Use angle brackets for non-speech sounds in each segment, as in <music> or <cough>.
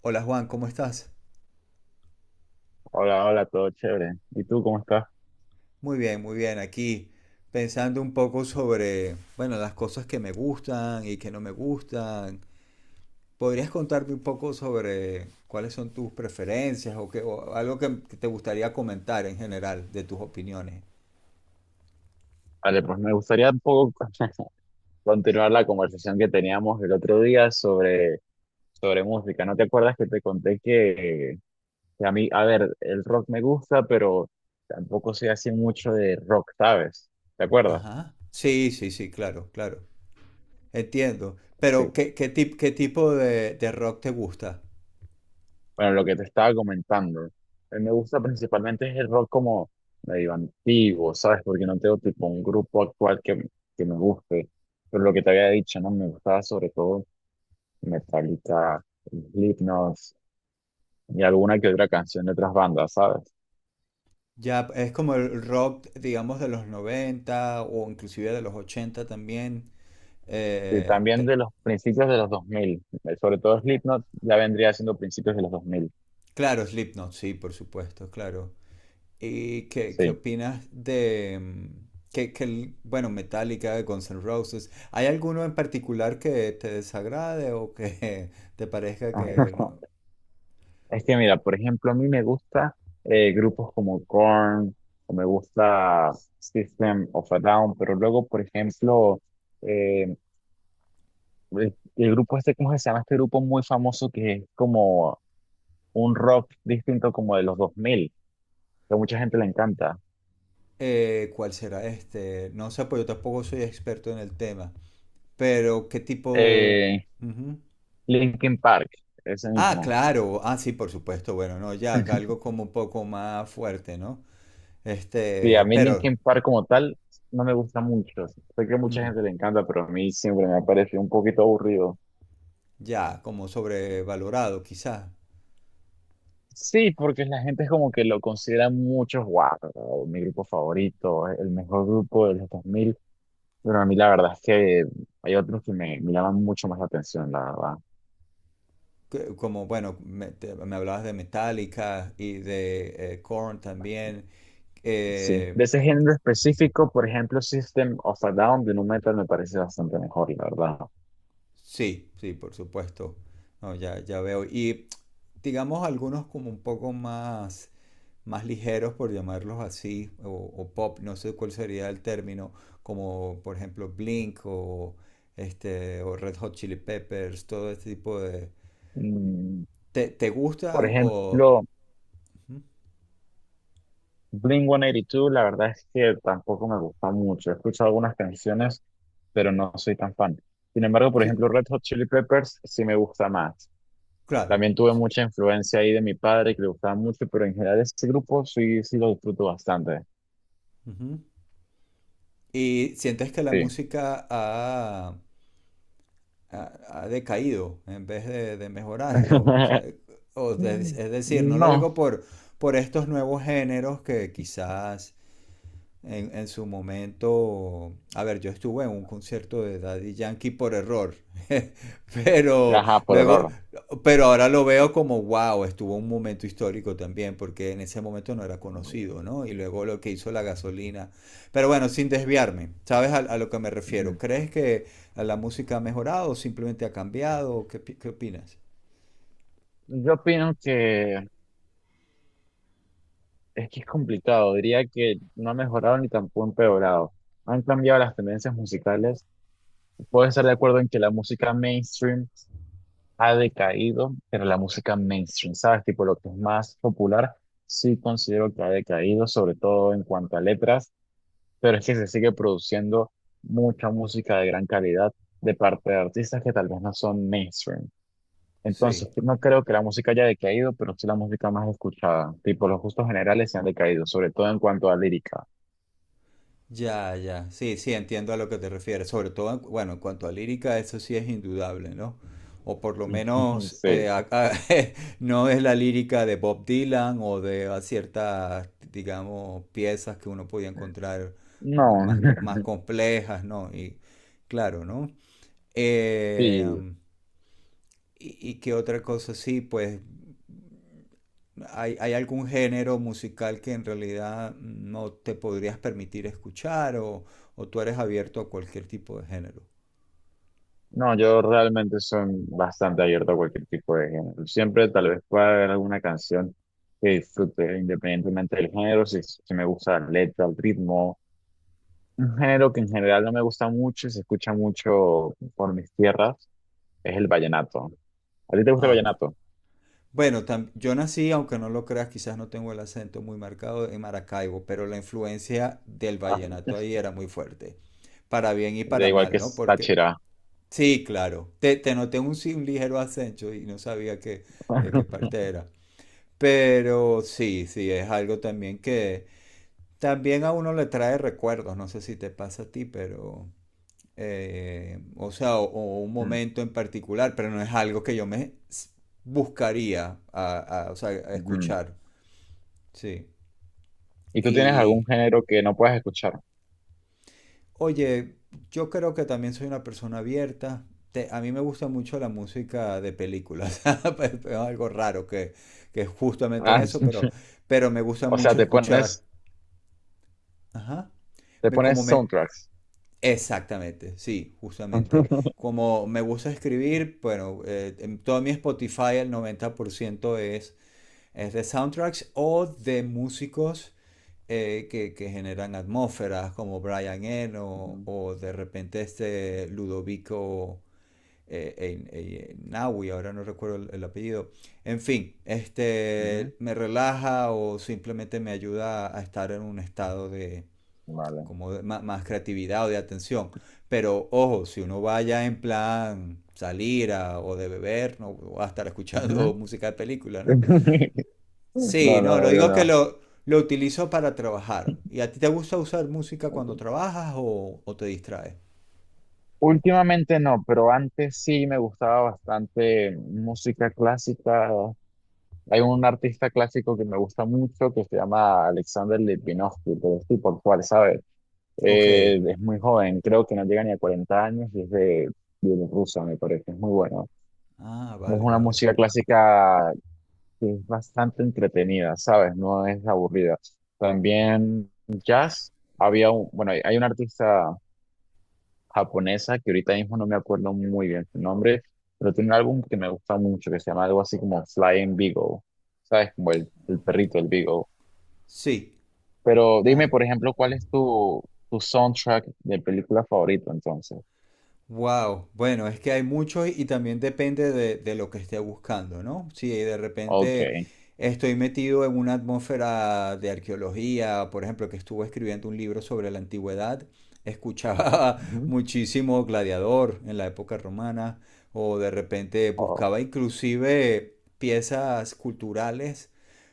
Hola Juan, ¿cómo estás? Hola, hola, todo chévere. ¿Y tú cómo estás? Muy bien, muy bien. Aquí pensando un poco sobre, bueno, las cosas que me gustan y que no me gustan. ¿Podrías contarme un poco sobre cuáles son tus preferencias o, o algo que te gustaría comentar en general de tus opiniones? Vale, pues me gustaría un poco <laughs> continuar la conversación que teníamos el otro día sobre música. ¿No te acuerdas que te conté que a mí, a ver, el rock me gusta, pero tampoco soy así mucho de rock, ¿sabes? ¿Te acuerdas? Ajá. Sí, sí, sí, claro, claro. Entiendo. Sí. Pero, ¿ qué tipo de rock te gusta? Bueno, lo que te estaba comentando. A mí me gusta principalmente es el rock como medio antiguo, ¿sabes? Porque no tengo tipo un grupo actual que me guste. Pero lo que te había dicho, ¿no? Me gustaba sobre todo. Metallica, Slipknot y alguna que otra canción de otras bandas, ¿sabes? Ya es como el rock, digamos, de los 90 o inclusive de los 80 también. Sí, Eh, también te- de los principios de los 2000, sobre todo Slipknot ya vendría siendo principios de los 2000. Claro, Slipknot, sí, por supuesto, claro. ¿Y qué Sí. opinas de bueno, Metallica, Guns N' Roses? ¿Hay alguno en particular que te desagrade o que <laughs> te parezca que no? <laughs> Es que mira, por ejemplo, a mí me gusta grupos como Korn, o me gusta System of a Down, pero luego, por ejemplo, eh, el grupo este, ¿cómo se llama? Este grupo muy famoso que es como un rock distinto como de los 2000 que a mucha gente le encanta. ¿Cuál será este? No sé, pues yo tampoco soy experto en el tema, pero ¿qué tipo? Eh, Ujú. Linkin Park, ese Ah, mismo. claro, ah, sí, por supuesto, bueno, no, ya, <laughs> algo como un poco más fuerte, ¿no? Sí, a Este, mí pero Linkin Park como tal no me gusta mucho. Sé que a mucha mm, gente le encanta, pero a mí siempre me ha parecido un poquito aburrido. ya, como sobrevalorado, quizás. Sí, porque la gente es como que lo considera mucho, wow, mi grupo favorito, el mejor grupo de los 2000. Pero a mí la verdad es que hay otros que me llaman mucho más la atención, la verdad. Como, bueno, me hablabas de Metallica y de Korn también. Sí, Eh, de ese género específico, por ejemplo, System of a Down de Nu Metal me parece bastante mejor, la verdad. sí, sí, por supuesto. No, ya, ya veo. Y digamos algunos como un poco más, más ligeros, por llamarlos así, o pop, no sé cuál sería el término, como por ejemplo Blink o, este, o Red Hot Chili Peppers, todo este tipo de... Mm, ¿Te por gustan o...? ejemplo, Ujú. Blink-182, la verdad es que tampoco me gusta mucho. He escuchado algunas canciones, pero no soy tan fan. Sin embargo, por Sí, ejemplo, Red Hot Chili Peppers sí me gusta más. claro. También tuve Sí, mucha influencia ahí de mi padre, que le gustaba mucho, pero en general este grupo sí, sí lo disfruto bastante. ujú. ¿Y sientes que la Sí. música ha decaído en vez de mejorar? <laughs> O sea, <laughs> es decir, no lo digo No. Por estos nuevos géneros que quizás en su momento, a ver, yo estuve en un concierto de Daddy Yankee por error, <laughs> pero Ajá, por luego, error. pero ahora lo veo como, wow, estuvo un momento histórico también, porque en ese momento no era conocido, ¿no? Y luego lo que hizo la gasolina. Pero bueno, sin desviarme, ¿sabes a lo que me refiero? Ujú. ¿Crees que la música ha mejorado o simplemente ha cambiado? ¿ qué opinas? Yo opino que es complicado. Diría que no ha mejorado ni tampoco empeorado. Han cambiado las tendencias musicales. Voy a estar de acuerdo en que la música mainstream ha decaído, pero la música mainstream, ¿sabes? Tipo lo que es más popular, sí considero que ha decaído, sobre todo en cuanto a letras, pero es que se sigue produciendo mucha música de gran calidad de parte de artistas que tal vez no son mainstream. Entonces, Sí. no creo que la música haya decaído, pero sí la música más escuchada. Tipo, los gustos generales se han decaído, sobre todo en cuanto a lírica. Ya, ya. Sí, sí, entiendo a lo que te refieres. Sobre todo, bueno, en cuanto a lírica, eso sí es indudable, ¿no? O por lo <laughs> menos Sí. <laughs> No es la lírica de Bob Dylan o de a ciertas, digamos, piezas que uno podía encontrar No, más, <laughs> más complejas, ¿no? Y claro, ¿no? Eh, sí. Y qué otra cosa, sí, pues ¿hay algún género musical que en realidad no te podrías permitir escuchar o tú eres abierto a cualquier tipo de género? No, yo realmente soy bastante abierto a cualquier tipo de género. Siempre tal vez pueda haber alguna canción que disfrute independientemente del género, si me gusta la letra, el ritmo. Un género que en general no me gusta mucho y se escucha mucho por mis tierras es el vallenato. ¿A ti te gusta el Ah, vallenato? bueno, yo nací, aunque no lo creas, quizás no tengo el acento muy marcado en Maracaibo, pero la influencia del Ah, vallenato ahí <laughs> era muy fuerte, para bien y da para igual mal, que ¿no? es Porque, Táchira. sí, claro, te noté un, sí, un ligero acento y no sabía que, de qué <laughs> parte era, pero sí, sí, es algo también que, también a uno le trae recuerdos, no sé si te pasa a ti, pero, o sea, o un Mm, momento en particular, pero no es algo que yo buscaría o sea, a ujú. escuchar, sí. ¿Y tú tienes algún Y, género que no puedas escuchar? oye, yo creo que también soy una persona abierta. A mí me gusta mucho la música de películas. <laughs> Pues, es algo raro que es justamente en Ah, eso, <laughs> pero me gusta O sea, mucho te escuchar. pones, Ajá. te Me, como pones me, soundtracks. exactamente, sí, justamente. <laughs> Como me gusta escribir, bueno, en todo mi Spotify el 90% es de soundtracks o de músicos que generan atmósferas como Brian Eno Ujú, o de repente este Ludovico Naui, ahora no recuerdo el apellido. En fin, ujú. este me relaja o simplemente me ayuda a estar en un estado de, Vale. Más creatividad o de atención. Pero ojo, si uno vaya en plan salir o de beber, no va a estar Ujú. escuchando <laughs> música de película, ¿no? <laughs> Sí, No, no, no, lo obvio digo que no. Lo utilizo para trabajar. ¿Y a ti te gusta usar música cuando trabajas o te distraes? Últimamente no, pero antes sí me gustaba bastante música clásica. Hay un artista clásico que me gusta mucho que se llama Alexander Lipinovsky, pero es tipo cual, ¿sabes? Ok. Es muy joven, creo que no llega ni a 40 años y es de Bielorrusia, me parece, es muy bueno. Ah, Es vale, una vale. música clásica que es bastante entretenida, ¿sabes? No es aburrida. También jazz, había un, bueno, hay un artista. Japonesa, que ahorita mismo no me acuerdo muy bien su nombre, pero tiene un álbum que me gusta mucho, que se llama algo así como Flying Beagle, ¿sabes? Como el perrito, el Beagle. Sí. Pero dime, Ah. por ejemplo, ¿cuál es tu soundtrack de película favorito entonces? Wow, bueno, es que hay mucho y también depende de lo que esté buscando, ¿no? Si de Ok. repente estoy metido en una atmósfera de arqueología, por ejemplo, que estuve escribiendo un libro sobre la antigüedad, escuchaba <laughs> Ujú. muchísimo Gladiador en la época romana, o de repente Oh, buscaba inclusive piezas culturales,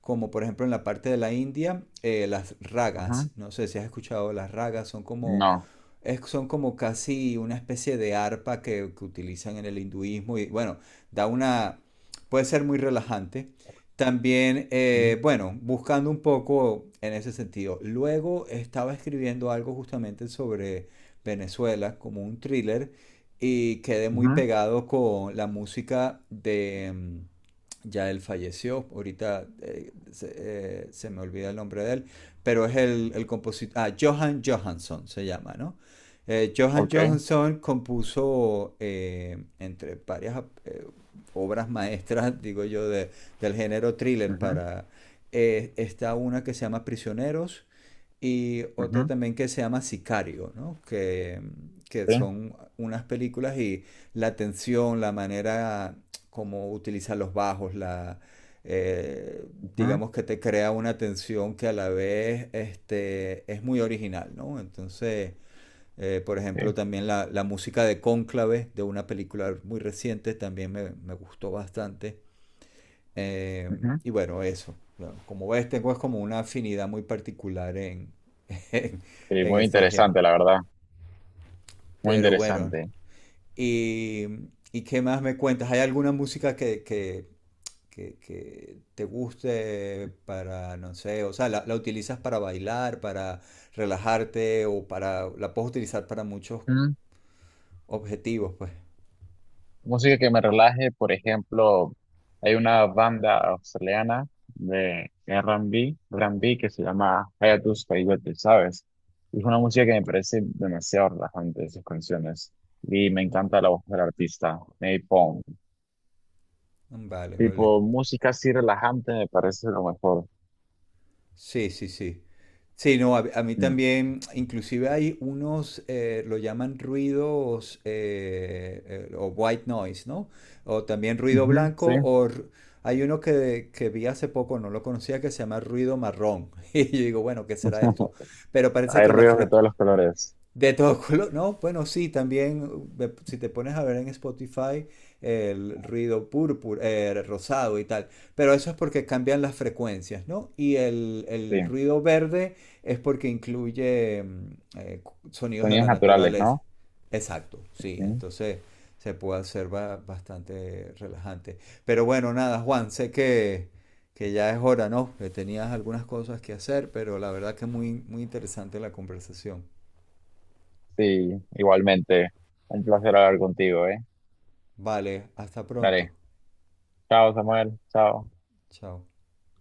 como por ejemplo en la parte de la India, las ragas. ujú. No sé si has escuchado las ragas, son No. Son como casi una especie de arpa que utilizan en el hinduismo y bueno, da una, puede ser muy relajante. También, Ujú. Bueno, buscando un poco en ese sentido. Luego estaba escribiendo algo justamente sobre Venezuela, como un thriller, y quedé muy Ujú. pegado con la música de... ya él falleció, ahorita se me olvida el nombre de él, pero es el compositor, ah, Johan Johansson se llama, ¿no? Johan Ok. Johansson compuso entre varias obras maestras, <laughs> digo yo, del género thriller Ujú. para... está una que se llama Prisioneros y otra Ujú. también que se llama Sicario, ¿no? Que Sí. son unas películas y la tensión, la manera como utilizan los bajos, eh, Ujú. digamos que te crea una tensión que a la vez este, es muy original, ¿no? Entonces... por Sí. ejemplo, también música de Cónclave, de una película muy reciente, también me gustó bastante. Eh, Ujú. y bueno, eso. Bueno, como ves, tengo es como una afinidad muy particular <laughs> en, Sí, en muy este género. interesante, la verdad. Muy Pero bueno, interesante. y, y, ¿qué más me cuentas? ¿Hay alguna música que te guste para, no sé, o sea, utilizas para bailar, para relajarte o para la puedes utilizar para muchos objetivos, pues? Música que me relaje, por ejemplo, hay una banda australiana de R&B, R&B que se llama Hayatus Coyote, ¿sabes? Y es una música que me parece demasiado relajante, sus canciones. Y me encanta la voz del artista, Nate Pong. Vale, vale. Tipo, música así relajante me parece lo mejor. Sí, sí, sí. Sí, no, a mí Mm. también, inclusive hay unos, lo llaman ruidos o white noise, ¿no? O también ruido Ujú, sí. blanco, hay uno que vi hace poco, no lo conocía, que se llama ruido marrón. <laughs> Y yo digo, bueno, ¿qué será esto? <laughs> Pero parece Hay que las... ruidos de todos los colores. de todo color, no, bueno, sí, también si te pones a ver en Spotify el ruido púrpura, rosado y tal, pero eso es porque cambian las frecuencias, ¿no? Y Sí. el ruido verde es porque incluye sonidos de Sonidos la naturales, naturaleza. ¿no? Exacto, sí, Ujú. entonces se puede hacer bastante relajante. Pero bueno, nada, Juan, sé que ya es hora, ¿no? Que tenías algunas cosas que hacer, pero la verdad que muy, muy interesante la conversación. Sí, igualmente. Un placer hablar contigo, ¿eh? Vale, hasta pronto. Dale. Chao, Samuel. Chao. Chao.